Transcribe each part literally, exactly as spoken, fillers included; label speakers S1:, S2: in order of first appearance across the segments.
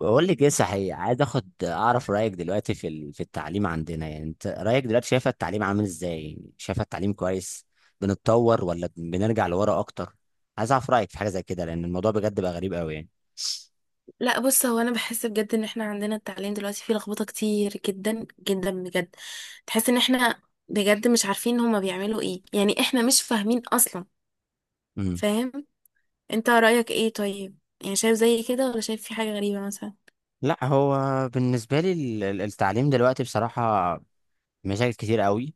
S1: بقول لك ايه، صحيح عايز اخد اعرف رايك دلوقتي في ال- في التعليم عندنا، يعني انت رايك دلوقتي شايفه التعليم عامل ازاي؟ يعني شايفه التعليم كويس، بنتطور ولا بن- بنرجع لورا اكتر؟ عايز اعرف رايك في حاجه زي كده لان الموضوع بجد بقى غريب قوي يعني.
S2: لا بص هو انا بحس بجد ان احنا عندنا التعليم دلوقتي فيه لخبطه كتير جدا جدا بجد. تحس ان احنا بجد مش عارفين هما بيعملوا ايه، يعني احنا مش فاهمين اصلا.
S1: امم
S2: فاهم؟ انت رايك ايه طيب؟ يعني شايف زي كده ولا شايف في حاجه غريبه مثلا؟
S1: لا، هو بالنسبه لي ال- ال- التعليم دلوقتي بصراحه مشاكل كتير قوي.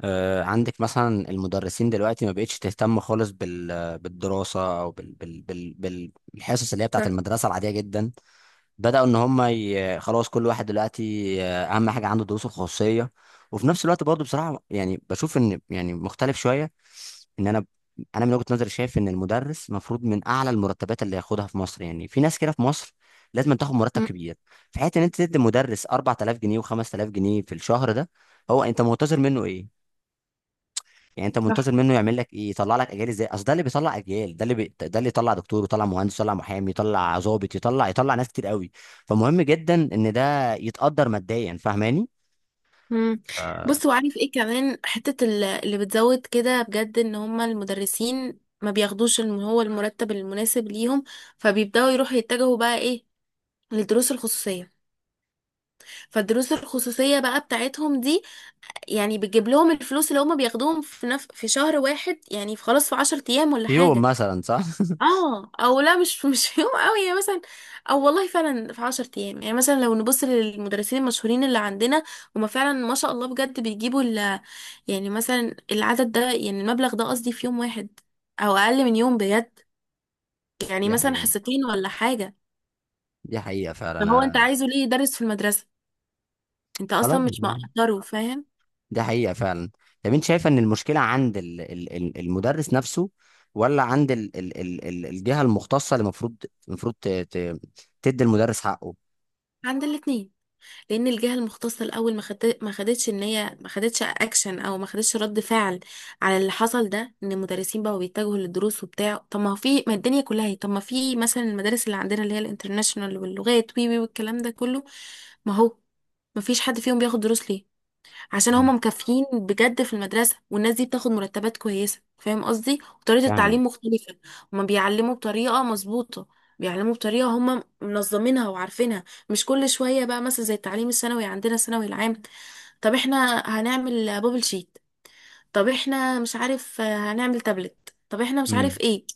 S1: آه، عندك مثلا المدرسين دلوقتي ما بقتش تهتم خالص بال بالدراسه، او بال بال بال بالحصص اللي هي بتاعت
S2: صح.
S1: المدرسه العاديه جدا. بدأوا ان هم ي... خلاص، كل واحد دلوقتي آه، اهم حاجة عنده دروسه الخصوصية. وفي نفس الوقت برضه بصراحة يعني بشوف ان يعني مختلف شوية، ان انا انا من وجهة نظري شايف ان المدرس المفروض من اعلى المرتبات اللي ياخدها في مصر، يعني في ناس كده في مصر لازم تاخد مرتب
S2: مم،
S1: كبير. في حيث ان انت تدي مدرس اربعتالاف جنيه و5000 جنيه في الشهر، ده هو انت منتظر منه ايه؟ يعني انت
S2: صح.
S1: منتظر منه يعمل لك ايه؟ يطلع لك اجيال ازاي؟ اصل ده اللي بيطلع اجيال، ده اللي بي... ده اللي يطلع دكتور، يطلع مهندس، يطلع محامي، يطلع ضابط، يطلع يطلع ناس كتير قوي. فمهم جدا ان ده يتقدر ماديا، فاهماني؟
S2: مم.
S1: آه،
S2: بص، وعارف ايه كمان حتة ال- اللي بتزود كده بجد؟ ان هما المدرسين ما بياخدوش الم- هو المرتب المناسب ليهم. فبيبدأوا يروحوا يتجهوا بقى ايه؟ للدروس الخصوصية. فالدروس الخصوصية بقى بتاعتهم دي يعني بتجيب لهم الفلوس اللي هما بياخدوهم في نف... في شهر واحد، يعني في خلاص في عشر ايام ولا
S1: في يوم
S2: حاجة.
S1: مثلا، صح.
S2: اه، او لا، مش مش في يوم قوي يعني مثلا، او والله فعلا في عشر ايام. يعني مثلا لو نبص للمدرسين المشهورين اللي عندنا، هما فعلا ما شاء الله بجد بيجيبوا ال... يعني مثلا العدد ده، يعني المبلغ ده قصدي، في يوم واحد او اقل من يوم بجد. يعني
S1: دي
S2: مثلا
S1: حقيقة.
S2: حصتين ولا حاجة.
S1: دي حقيقة فعلا
S2: فهو انت
S1: انا.
S2: عايزه ليه يدرس في المدرسة؟ انت اصلا
S1: خلاص
S2: مش
S1: آه.
S2: مقدره، فاهم؟
S1: دي حقيقة فعلا. طب انت شايفة ان المشكلة عند ال... ال... ال- المدرس نفسه، ولا عند ال... ال... ال... ال- الجهة المختصة اللي المفروض المفروض ت... ت... تدي المدرس حقه؟
S2: عند الاتنين. لان الجهه المختصه الاول ما خدت- ما خدتش، ان هي ما خدتش اكشن او ما خدتش رد فعل على اللي حصل ده، ان المدرسين بقوا بيتجهوا للدروس وبتاع. طب ما هو في، ما الدنيا كلها هي، طب ما في مثلا المدارس اللي عندنا اللي هي الانترناشونال واللغات وي وي والكلام ده كله، ما هو ما فيش حد فيهم بياخد دروس ليه؟ عشان
S1: مم.
S2: هما مكافيين بجد في المدرسة، والناس دي بتاخد مرتبات كويسة، فاهم قصدي؟ وطريقة
S1: فاهم.
S2: التعليم مختلفة. هما بيعلموا بطريقة مظبوطة، بيعلموا بطريقة هما منظمينها وعارفينها. مش كل شوية بقى مثلا زي التعليم الثانوي عندنا، الثانوي العام، طب احنا هنعمل بابل شيت، طب احنا مش عارف هنعمل تابلت، طب احنا مش
S1: مم.
S2: عارف ايه.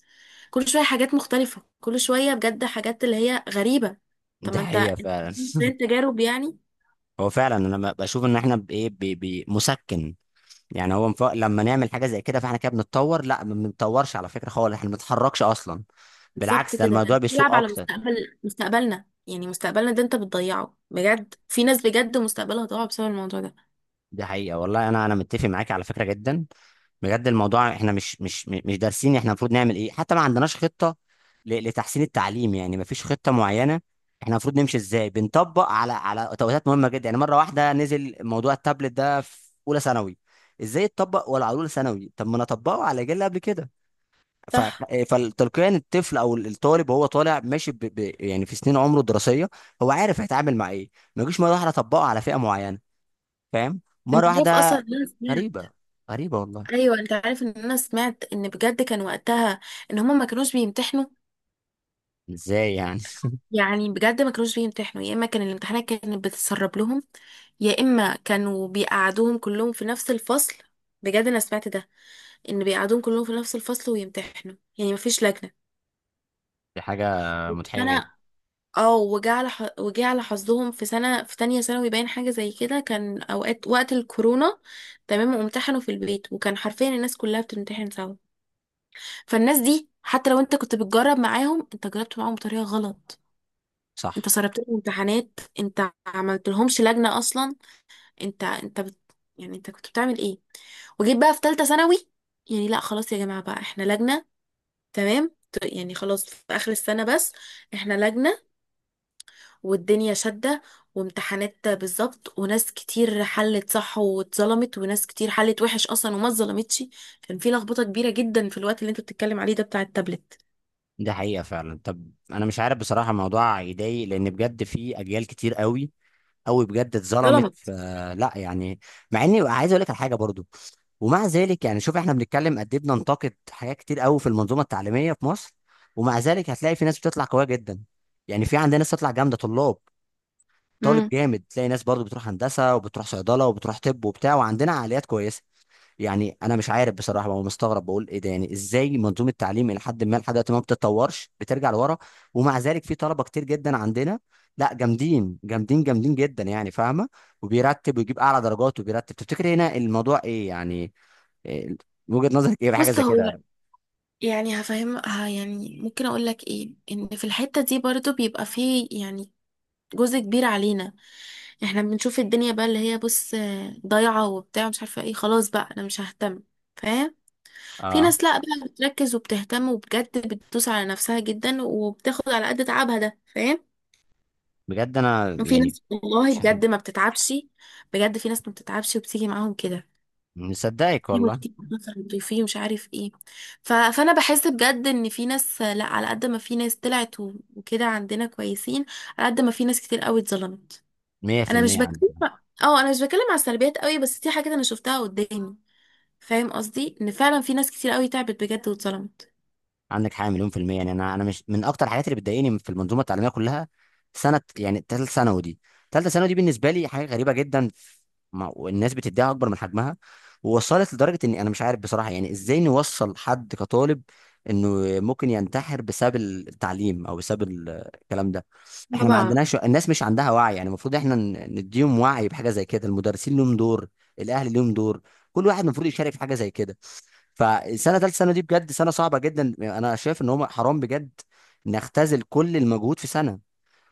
S2: كل شوية حاجات مختلفة، كل شوية بجد حاجات اللي هي غريبة. طب
S1: دي
S2: ما انت
S1: حقيقة فعلا.
S2: فين تجارب يعني؟
S1: هو فعلا انا ب- بشوف ان احنا بايه، ب- ب- مسكن. يعني هو مف... لما نعمل حاجه زي كده، فاحنا كده بنتطور؟ لا، ما بنتطورش على فكره خالص، احنا ما بنتحركش اصلا.
S2: بالظبط
S1: بالعكس، ده
S2: كده،
S1: الموضوع
S2: انت
S1: بيسوء
S2: بتلعب على
S1: اكتر.
S2: مستقبل، مستقبلنا، يعني مستقبلنا ده انت بتضيعه. بجد في ناس بجد مستقبلها ضاع بسبب الموضوع ده.
S1: دي حقيقة والله، أنا أنا متفق معاك على فكرة جدا. بجد الموضوع، إحنا مش مش مش دارسين، إحنا المفروض نعمل إيه؟ حتى ما عندناش خطة ل- لتحسين التعليم، يعني ما فيش خطة معينة إحنا المفروض نمشي إزاي. بنطبق على على توقيتات مهمة جدا. يعني مرة واحدة نزل موضوع التابلت ده في أولى ثانوي، إزاي اتطبق ولا على أولى ثانوي؟ طب ما أنا أطبقه على جيل قبل كده، ف...
S2: صح.
S1: فتلقائيا الطفل أو الطالب وهو طالع ماشي ب... ب... يعني في سنين عمره الدراسية، هو عارف هيتعامل مع إيه. ما يجيش مرة واحدة أطبقه على فئة معينة، فاهم؟
S2: انت
S1: مرة
S2: عارف اصلا
S1: واحدة.
S2: ان انا سمعت،
S1: غريبة، غريبة والله.
S2: ايوه، انت عارف ان انا سمعت ان بجد كان وقتها ان هما ما كانوش بيمتحنوا؟
S1: ازاي يعني؟
S2: يعني بجد ما كانوش بيمتحنوا، يا اما كان الامتحانات كانت بتتسرب لهم، يا اما كانوا بيقعدوهم كلهم في نفس الفصل. بجد انا سمعت ده، ان بيقعدوهم كلهم في نفس الفصل ويمتحنوا، يعني مفيش لجنة.
S1: دي حاجة مضحكة جدا.
S2: انا اه، وجه على ح... وجه على حظهم، في سنة في تانية ثانوي باين حاجة زي كده، كان اوقات وقت الكورونا. تمام، وامتحنوا في البيت، وكان حرفيا الناس كلها بتمتحن سوا. فالناس دي حتى لو انت كنت بتجرب معاهم، انت جربت معاهم بطريقة غلط.
S1: صح.
S2: انت سربت لهم امتحانات، انت عملت لهمش لجنة اصلا. انت انت بت... يعني انت كنت بتعمل ايه؟ وجيت بقى في تالتة ثانوي، يعني لا خلاص يا جماعة بقى احنا لجنة. تمام، ت- يعني خلاص في اخر السنة بس احنا لجنة، والدنيا شدة وامتحانات بالظبط. وناس كتير حلت صح واتظلمت، وناس كتير حلت وحش أصلا وما اتظلمتش. كان في لخبطة كبيرة جدا في الوقت اللي انت بتتكلم عليه ده بتاع التابلت.
S1: دي حقيقة فعلا. طب أنا مش عارف بصراحة، الموضوع يضايق لأن بجد في أجيال كتير قوي، قوي بجد اتظلمت. ف-
S2: ظلمت.
S1: لا، يعني مع إني عايز أقول لك على حاجة برضو. ومع ذلك يعني شوف احنا بنتكلم قد ايه بننتقد حاجات كتير قوي في المنظومه التعليميه في مصر، ومع ذلك هتلاقي في ناس بتطلع قويه جدا. يعني في عندنا ناس تطلع جامده، طلاب، طالب
S2: امم.
S1: جامد. تلاقي ناس برضو بتروح هندسه، وبتروح صيدله، وبتروح طب وبتاع، وعندنا عقليات كويسه. يعني انا مش عارف بصراحه، بقى مستغرب بقول ايه ده، يعني ازاي منظومه التعليم الى حد ما لحد دلوقتي ما بتتطورش، بترجع لورا، ومع ذلك في طلبه كتير جدا عندنا، لا، جامدين، جامدين، جامدين جدا يعني، فاهمه؟ وبيرتب ويجيب اعلى درجات، وبيرتب. تفتكر هنا الموضوع ايه يعني؟ إيه وجهه نظرك ايه بحاجه
S2: بص
S1: زي
S2: هو،
S1: كده؟
S2: يعني هفهم ه- يعني ممكن اقول لك ايه؟ ان في الحتة دي برضو بيبقى فيه يعني جزء كبير علينا. احنا بنشوف الدنيا بقى اللي هي، بص آه، ضايعة وبتاع مش عارفة ايه، خلاص بقى انا مش ههتم، فاهم؟ في
S1: اه،
S2: ناس لا بقى بتركز وبتهتم، وبجد بتدوس على نفسها جدا، وبتاخد على قد تعبها ده، فاهم؟
S1: بجد انا
S2: وفي
S1: يعني
S2: ناس والله
S1: مش عارف.
S2: بجد ما بتتعبش. بجد في ناس ما بتتعبش وبتيجي معاهم كده،
S1: مصدقك
S2: في
S1: والله.
S2: مكتئب مثلا، في مش عارف ايه. ف... فانا بحس بجد ان في ناس، لا على قد ما في ناس طلعت و- وكده عندنا كويسين، على قد ما في ناس كتير قوي اتظلمت. انا مش
S1: مية في المية عندك.
S2: بتكلم، اه انا مش بتكلم على السلبيات قوي، بس دي حاجات انا شفتها قدامي. فاهم قصدي؟ ان فعلا في ناس كتير قوي تعبت بجد واتظلمت.
S1: عندك حاجه مليون في الميه. يعني انا انا مش من اكتر الحاجات اللي بتضايقني في المنظومه التعليميه كلها، سنه يعني ثالثه ثانوي دي. ثالثه ثانوي دي بالنسبه لي حاجه غريبه جدا، ما- والناس بتديها اكبر من حجمها، ووصلت لدرجه اني انا مش عارف بصراحه يعني ازاي نوصل حد كطالب انه ممكن ينتحر بسبب التعليم او بسبب ال- الكلام ده. احنا ما
S2: طبعا.
S1: عندناش، الناس مش عندها وعي، يعني المفروض احنا ن- نديهم وعي بحاجه زي كده. المدرسين لهم دور، الاهل لهم دور، كل واحد المفروض يشارك في حاجه زي كده. فالسنه، ثالث سنه دي بجد سنه صعبه جدا، انا شايف ان هم حرام بجد نختزل كل المجهود في سنه.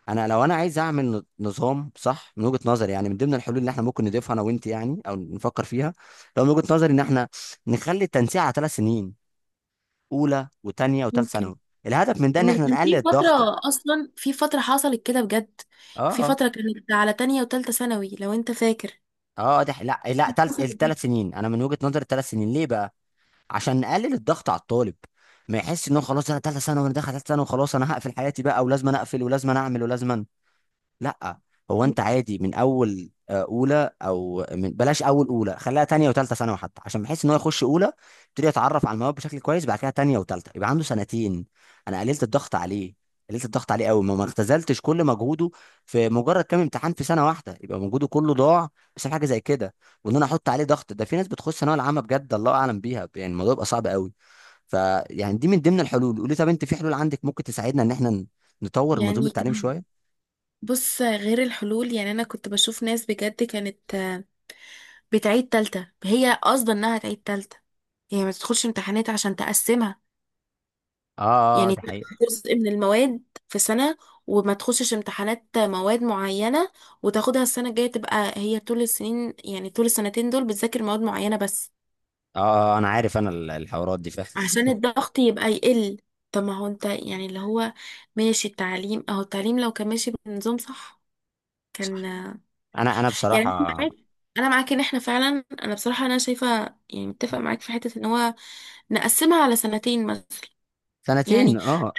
S1: انا لو انا عايز اعمل ن- نظام صح من وجهه نظري، يعني من ضمن الحلول اللي احنا ممكن نضيفها انا وانت يعني، او نفكر فيها، لو من وجهه نظري ان احنا نخلي التنسيق على ثلاث سنين: اولى وثانيه وثالث
S2: ممكن.
S1: ثانوي. الهدف من ده ان
S2: مش
S1: احنا
S2: كان
S1: نقلل
S2: في
S1: الضغط. اه،
S2: فترة أصلا؟ في فترة حصلت كده بجد، في
S1: اه،
S2: فترة كانت على تانية وتالتة ثانوي لو أنت فاكر.
S1: اه، ده لا لا، تلت
S2: حصل ده.
S1: الثلاث سنين. انا من وجهه نظري الثلاث سنين ليه بقى؟ عشان نقلل الضغط على الطالب، ما يحس ان هو خلاص انا ثالثه ثانوي، وانا داخل ثالثه ثانوي وخلاص انا هقفل حياتي بقى، ولازم أنا اقفل، ولازم أنا اعمل، ولازم أنا. لا، هو انت عادي من اول آه، اولى، او من بلاش اول اولى، خليها تانية وتالتة ثانوي حتى، عشان بحيث ان هو يخش اولى يبتدي يتعرف على المواد بشكل كويس، بعد كده تانية وتالتة يبقى عنده سنتين. انا قللت الضغط عليه، قللت الضغط عليه قوي، ما ما اختزلتش كل مجهوده في مجرد كام امتحان في سنه واحده، يبقى مجهوده كله ضاع بسبب حاجه زي كده. وان انا احط عليه ضغط، ده في ناس بتخش ثانويه العامه بجد الله اعلم بيها، يعني الموضوع يبقى صعب قوي. فيعني دي من ضمن الحلول. قولي، طب انت في حلول عندك ممكن تساعدنا ان احنا نطور منظومه
S2: يعني
S1: التعليم
S2: كان-
S1: شويه؟
S2: بص، غير الحلول، يعني أنا كنت بشوف ناس بجد كانت آه، بتعيد تالتة، هي قصدا إنها تعيد تالتة، هي ما تدخلش امتحانات عشان تقسمها.
S1: اه، اه،
S2: يعني
S1: ده حقيقي.
S2: تاخد جزء من المواد في سنة، وما تخشش امتحانات مواد معينة، وتاخدها السنة الجاية. تبقى هي طول السنين، يعني طول السنتين دول، بتذاكر مواد معينة بس
S1: اه انا عارف انا، ال- الحوارات دي،
S2: عشان
S1: فاهم.
S2: الضغط يبقى يقل. طب ما هو انت يعني اللي هو ماشي، التعليم اهو، التعليم لو كان ماشي بنظام صح كان.
S1: انا انا
S2: يعني انا
S1: بصراحه.
S2: معاك، انا معاك ان احنا فعلا، انا بصراحة انا شايفة يعني متفق معاك في حتة، ان هو نقسمها على سنتين مثلا.
S1: سنتين،
S2: يعني
S1: اه،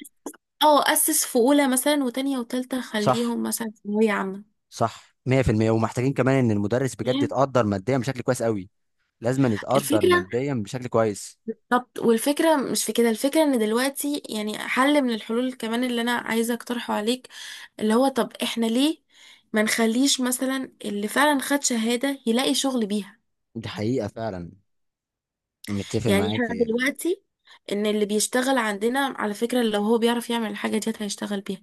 S2: اه، اسس في اولى مثلا، وتانية وتالتة
S1: صح.
S2: خليهم مثلا ثانوية عامة.
S1: صح، مية في المية. ومحتاجين كمان ان المدرس بجد
S2: فاهم؟
S1: يتقدر ماديا بشكل كويس قوي. لازم يتقدر
S2: الفكرة،
S1: ماديا بشكل كويس.
S2: طب والفكرة مش في كده. الفكرة ان دلوقتي يعني حل من الحلول كمان اللي انا عايزة اقترحه عليك، اللي هو طب احنا ليه ما نخليش مثلا اللي فعلا خد شهادة يلاقي شغل بيها؟
S1: دي حقيقه فعلا، متفق
S2: يعني
S1: معاك.
S2: احنا دلوقتي، ان اللي بيشتغل عندنا على فكرة لو هو بيعرف يعمل الحاجة دي هيشتغل بيها،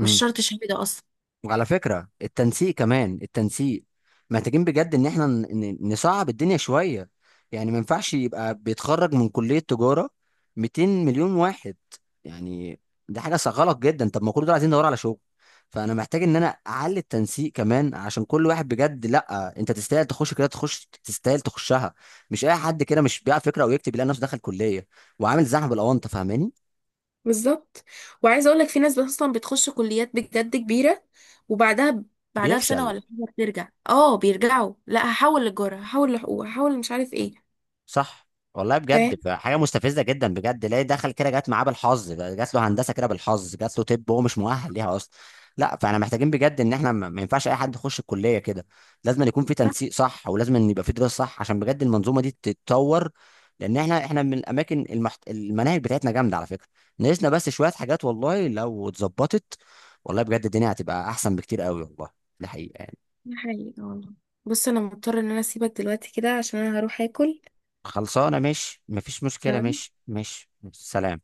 S2: مش شرط شهادة اصلا.
S1: وعلى فكرة التنسيق، كمان التنسيق محتاجين بجد ان احنا ن- ن- نصعب الدنيا شوية. يعني ما ينفعش يبقى بيتخرج من كلية تجارة ميتين مليون واحد يعني، دي حاجة ص- غلط جدا. طب ما كل دول عايزين ندور على شغل، فانا محتاج ان انا اعلي التنسيق كمان، عشان كل واحد بجد، لا انت تستاهل تخش كده، تخش تستاهل تخشها، مش اي حد كده، مش بيع فكرة او يكتب يلاقي نفسه دخل كلية وعامل زحمة بالاونطة، فاهماني؟
S2: بالظبط. وعايزه اقول لك، في ناس اصلا بتخش كليات بجد كبيره، وبعدها ب- بعدها بسنة
S1: بيفشل.
S2: ولا حاجة بترجع، اه بيرجعوا، لا هحول للجارة، هحول لحقوق، هحول مش عارف ايه.
S1: صح والله،
S2: فاهم؟
S1: بجد بقى حاجه مستفزه جدا بجد، ليه دخل كده؟ جت معاه بالحظ بقى، جات له هندسه كده بالحظ، جات له طب، هو مش مؤهل ليها اصلا. لا، فاحنا محتاجين بجد ان احنا ما ما ينفعش اي حد يخش الكليه كده. لازم أن يكون في
S2: صح.
S1: تنسيق صح، ولازم أن يبقى في دراسه صح، عشان بجد المنظومه دي تتطور، لان احنا احنا من الاماكن، المحت... المناهج بتاعتنا جامده على فكره، ناقصنا بس شويه حاجات. والله لو اتظبطت، والله بجد الدنيا هتبقى احسن بكتير قوي والله، ده حقيقه يعني.
S2: ده حقيقي والله. بص، انا مضطرة ان انا اسيبك دلوقتي كده عشان انا هروح اكل.
S1: خلصانه، ماشي، مفيش مشكله،
S2: تمام.
S1: ماشي، ماشي، سلام.